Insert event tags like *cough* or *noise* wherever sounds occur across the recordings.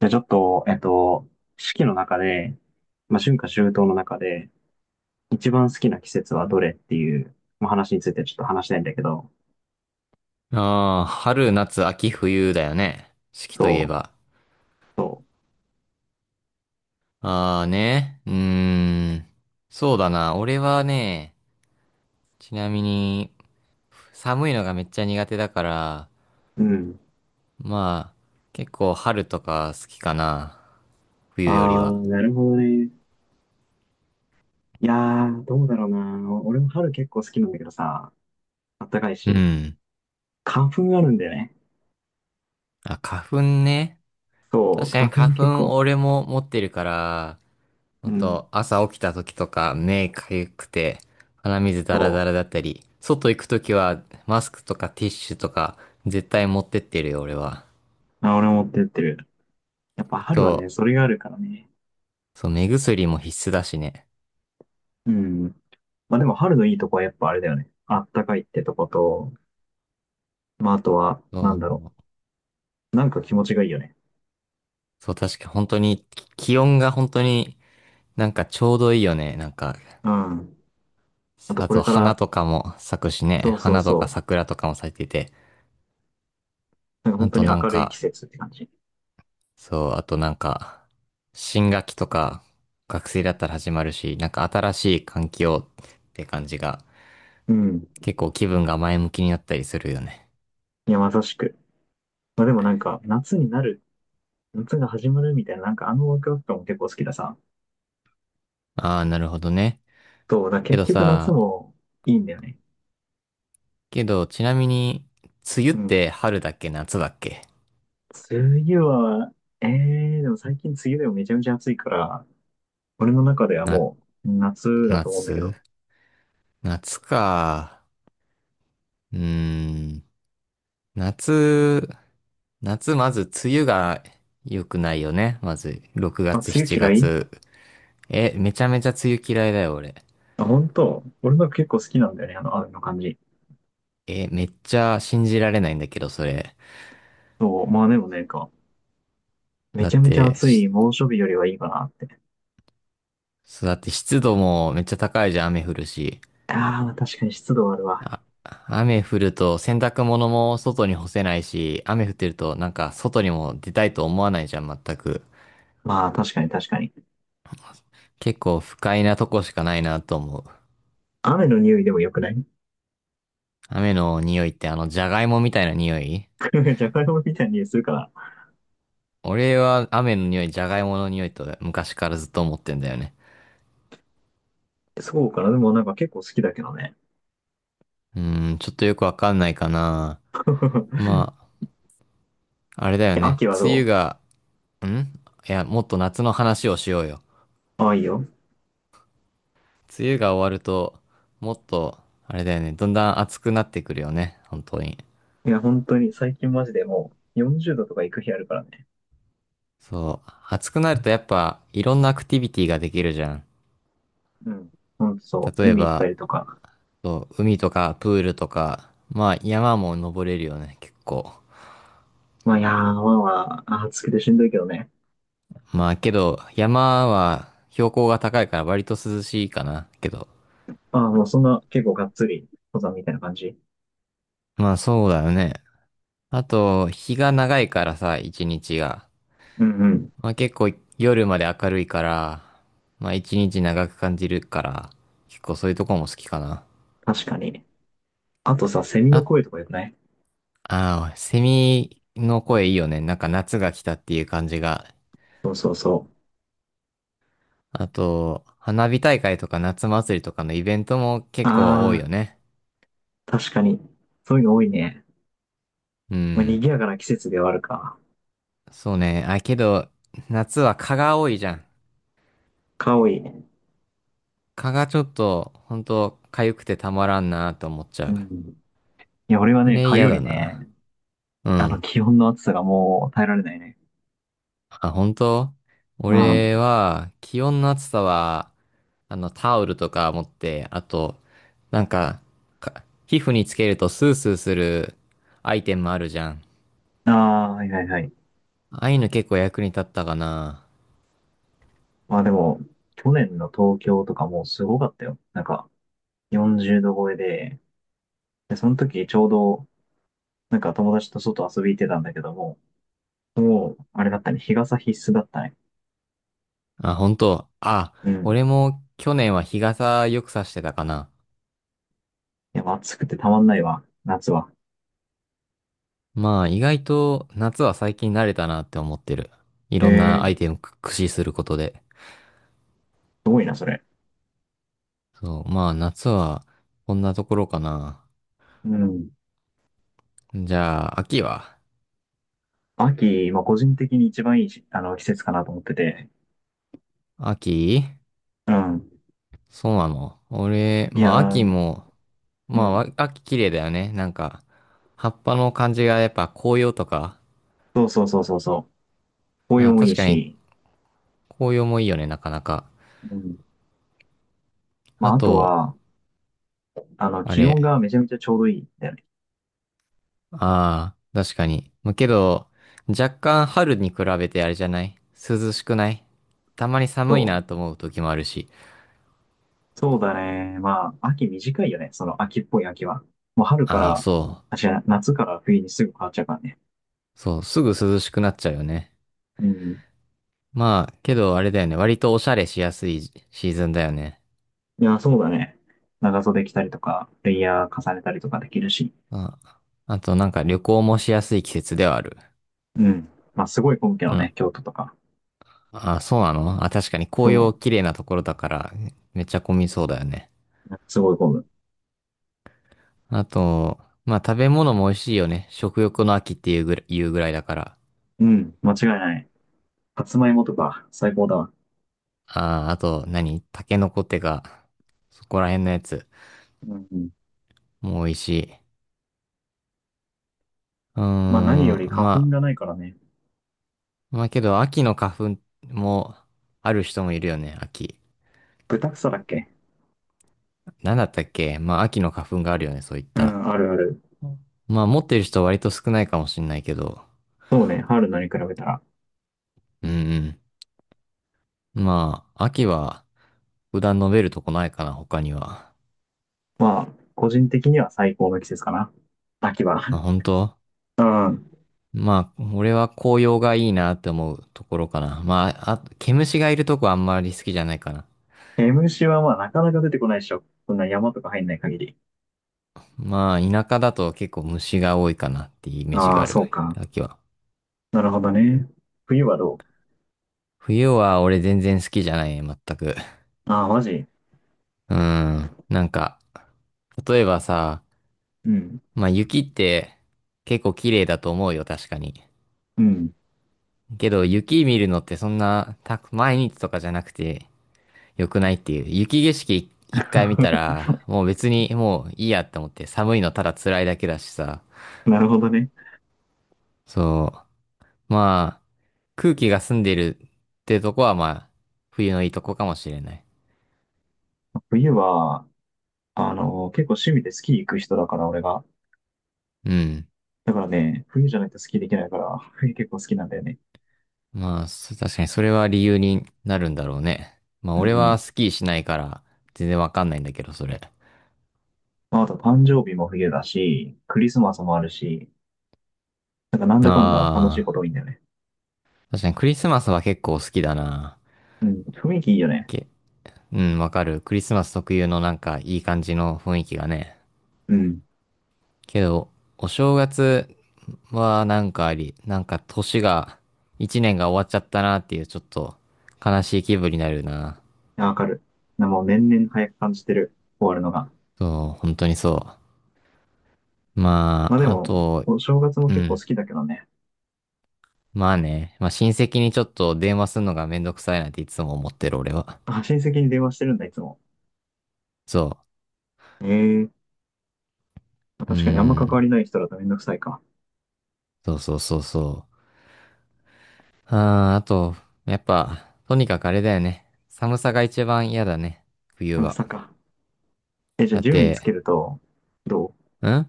じゃあちょっと、四季の中で、春夏秋冬の中で、一番好きな季節はどれっていう、まあ、話についてちょっと話したいんだけど、ああ、春、夏、秋、冬だよね。四季といえそう、ば。そああね。うーん。そうだな。俺はね、ちなみに、寒いのがめっちゃ苦手だから、うん。まあ、結構春とか好きかな。冬よりあは。ー、なるほどね。いやー、どうだろうな。お俺も春結構好きなんだけどさ、あったかいうし、ん。花粉あるんだよね。あ、花粉ね。そ確う、か花に粉花結粉構、俺も持ってるから、ほうんん、と、朝起きた時とか目かゆくて鼻水ダそラダラだったり、外行く時はマスクとかティッシュとか絶対持ってってるよ、俺は。う、あ、俺も持ってってる。やっぱあ春はね、と、それがあるからね。そう、目薬も必須だしね。うん。まあでも春のいいとこはやっぱあれだよね。あったかいってとこと、まあ、あとは、そなんだろう、う。なんか気持ちがいいよね。そう確か本当に気温が本当になんかちょうどいいよね。なんか、うん。あとあことれか花ら、とかも咲くしそね。うそう花とかそう。桜とかも咲いてて。なんかあ本当とにな明んるい季か節って感じ。そう、あとなんか、新学期とか、学生だったら始まるし、なんか新しい環境って感じが、うん。結構気分が前向きになったりするよね。いや、まさしく。まあでもなんか、夏が始まるみたいな、なんかあのワクワク感も結構好きださ。ああ、なるほどね。そう、だからけ結ど局夏さ、もいいんだよね。けど、ちなみに、梅雨っうん。て春だっけ夏だっけ？梅雨は、でも最近梅雨でもめちゃめちゃ暑いから、俺の中ではな、もう夏だと思うんだけど。夏夏か。うーん。夏、夏まず梅雨が良くないよね。まず、6あ、月、梅雨7嫌い？月。え、めちゃめちゃ梅雨嫌いだよ、俺。あ、本当？俺の結構好きなんだよね、あの、雨の感じ。え、めっちゃ信じられないんだけど、それ。そう、まあでもね、めだっちゃめちゃて、暑し、い猛暑日よりはいいかなって。そうだって湿度もめっちゃ高いじゃん、雨降るし。ああ、確かに湿度はあるわ。あ、雨降ると洗濯物も外に干せないし、雨降ってるとなんか外にも出たいと思わないじゃん、全く。まあ、確かに。結構不快なとこしかないなと思う。雨の匂いでも良くない？ 雨の匂いってあの、じゃがいもみたいな匂い。 *laughs* じゃがいも *laughs* みたいな匂いするから。俺は雨の匂い、じゃがいもの匂いと昔からずっと思ってんだよね。そうかな。でもなんか結構好きだけどね。うーん、ちょっとよくわかんないかな。*laughs* まあ、あれだよえ、ね。秋は梅雨どがんいや、もっと夏の話をしようよ。う？ああ、いいよ。梅雨が終わると、もっと、あれだよね、だんだん暑くなってくるよね、本当に。いや、本当に最近マジでもう40度とか行く日あるからね。そう、暑くなるとやっぱ、いろんなアクティビティができるじゃん。うん。ほんとそう。例え海行ったば、りとか。そう海とかプールとか、まあ山も登れるよね、結構。まあ、いやー、まあ、暑くてしんどいけどね。まあけど、山は標高が高いから割と涼しいかな、けど。ああ、もうそんな結構がっつり登山みたいな感じ。まあそうだよね。あと、日が長いからさ、一日が。うんうん。まあ結構夜まで明るいから、まあ一日長く感じるから、結構そういうとこも好きかな。確かに。あとさ、セミのあ、声とか良くない？ああ、セミの声いいよね。なんか夏が来たっていう感じが。そうそうそう。あと、花火大会とか夏祭りとかのイベントもあ結構多いよあ、ね。確かに。そういうの多いね。うまあ、賑ん。やかな季節ではあるか。そうね。あ、けど、夏は蚊が多いじゃん。蚊多い。蚊がちょっと、ほんと、痒くてたまらんなと思っちゃうう。ん。いや、俺はあね、れ蚊嫌よだりな。ね、うあの、ん。気温の暑さがもう耐えられないね。あ、本当。うん。あ俺は、気温の暑さは、あの、タオルとか持って、あと、なんか、皮膚につけるとスースーするアイテムあるじゃん。あ、はいはいはい。ああいうの結構役に立ったかな。まあでも、去年の東京とかもうすごかったよ。なんか、40度超えで、で、その時ちょうど、なんか友達と外遊び行ってたんだけども、もう、あれだったね、日傘必須だったね。あ、本当。あ、うん。俺も去年は日傘よくさしてたかな。いや、暑くてたまんないわ、夏は。まあ、意外と夏は最近慣れたなって思ってる。いえろんなえ、アイすテムく駆使することで。ごいな、それ。そう、まあ、夏はこんなところかな。うん。じゃあ、秋は？秋、まあ、個人的に一番いいし、あの、季節かなと思ってて。秋、うん。そうなの？俺、いまやあ秋ー、も、うまあわん。秋綺麗だよね。なんか、葉っぱの感じがやっぱ紅葉とか、そうそうそうそうそう。紅葉あ、もい確いかにし、紅葉もいいよね、なかなか。うん。まああ、あとと、は、あの、あ気温れ、がめちゃめちゃちょうどいいんだよね。ああ、確かに。まあけど、若干春に比べてあれじゃない？涼しくない？たまに寒いそなとう。思う時もあるし。そうだね。まあ、秋短いよね。その秋っぽい秋は。もう春かああ、ら、そあ、違う、夏から冬にすぐ変わっちゃうからね。う。そう、すぐ涼しくなっちゃうよね。うん。まあ、けどあれだよね。割とおしゃれしやすいシーズンだよね。いや、そうだね。長袖着たりとか、レイヤー重ねたりとかできるし。あ、あとなんか旅行もしやすい季節ではある。うん。まあ、すごい混むけうどん。ね、京都とか。あ、そうなの？あ、確かにそ紅葉綺麗なところだからめっちゃ混みそうだよね。う。すごい混む。あと、まあ食べ物も美味しいよね。食欲の秋っていうぐらい、言うぐらいだから。うん。間違いない。さつまいもとか、最高だわ。あ、あと何タケノコってか、そこら辺のやつうんうん。も美味しい。うーまあ何よりん、花粉まがないからね。あ、まあけど秋の花粉もある人もいるよね、秋。豚草だっけ？なんだったっけ？まあ秋の花粉があるよね、そういっうた。ん、あるある。まあ持ってる人は割と少ないかもしんないけど。そうね、春菜に比べたら。うんうん。まあ、秋は普段述べるとこないかな、他には。まあ、個人的には最高の季節かな。秋は。あ、本当？うん。まあ、俺は紅葉がいいなって思うところかな。まあ、あ、毛虫がいるとこはあんまり好きじゃないかな。毛虫はまあなかなか出てこないでしょ。そんな山とか入んない限り。まあ、田舎だと結構虫が多いかなっていうイメージあがあ、ある。そうか。秋は。なるほどね。冬はどう？冬は俺全然好きじゃない、全く。ああ、マジ？うん。なんか、例えばさ、うん。まあ雪って結構綺麗だと思うよ、確かに。うん。けど、雪見るのってそんな、た、毎日とかじゃなくて、良くないっていう。雪景色一回見た *laughs* ら、もう別にもういいやって思って、寒いのただ辛いだけだしさ。なるほどね。そう。まあ、空気が澄んでるってとこは、まあ、冬のいいとこかもしれない。冬は、あの、結構趣味でスキー行く人だから、俺が。うん。だからね、冬じゃないとスキーできないから、冬結構好きなんだよね。まあ、確かにそれは理由になるんだろうね。まあ、う俺はん。スキーしないから、全然わかんないんだけど、それ。まあ、あと誕生日も冬だし、クリスマスもあるし、なんかなんだかんだ楽しいあことあ、多いんだよね。確かにクリスマスは結構好きだな。うん。雰囲気いいよね。うん、わかる。クリスマス特有のなんかいい感じの雰囲気がね。うん。いけど、お正月はなんかあり、なんか年が、一年が終わっちゃったなっていうちょっと悲しい気分になるな。やわかる。なもう年々早く感じてる。終わるのが。そう、本当にそう。ままあであ、あも、と、お正月もう結構好ん。きだけどね。まあね、まあ親戚にちょっと電話するのがめんどくさいなんていつも思ってる俺は。あ、親戚に電話してるんだ、いつも。そええ、まあう。う確かにあんまー関わん。りない人だとめんどくさいか。そうそうそうそう。あー、あと、やっぱ、とにかくあれだよね。寒さが一番嫌だね。冬めんどくは。さか。え、じゃあだっ順位つけて、ると、どう？ん？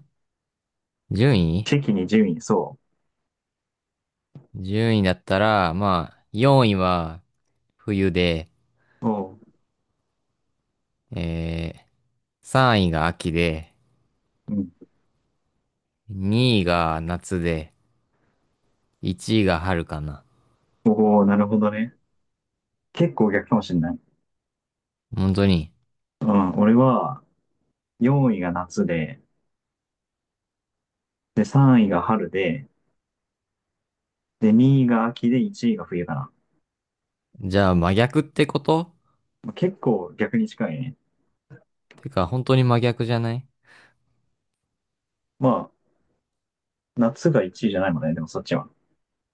順位地域に順位、そ順位だったら、まあ、4位は冬で、う。おう。え3位が秋で、うん。2位が夏で、1位が春かな。おお、なるほどね。結構逆かもしれない。本当に。うん、俺は、4位が夏で、で、3位が春で、で、2位が秋で、1位が冬かな。じゃあ真逆ってこと？まあ結構逆に近いね。てか、本当に真逆じゃない？まあ、夏が1位じゃないもんね。でもそっちは。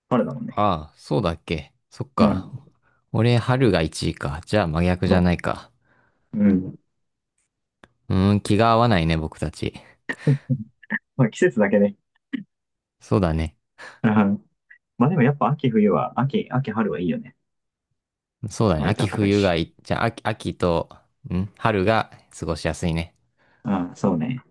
春だもんね。ああ、そうだっけ。そっうか。ん。俺、春が1位か。じゃあ真逆じそゃう。ないか。うん。うーん、気が合わないね、僕たち。まあ季節だけね。そうだね。うん。まあでもやっぱ秋冬は、秋春はいいよね。そうだね。割と秋暖かい冬がし。いい、じゃあ秋、秋と、ん、春が過ごしやすいね。うん、そうね。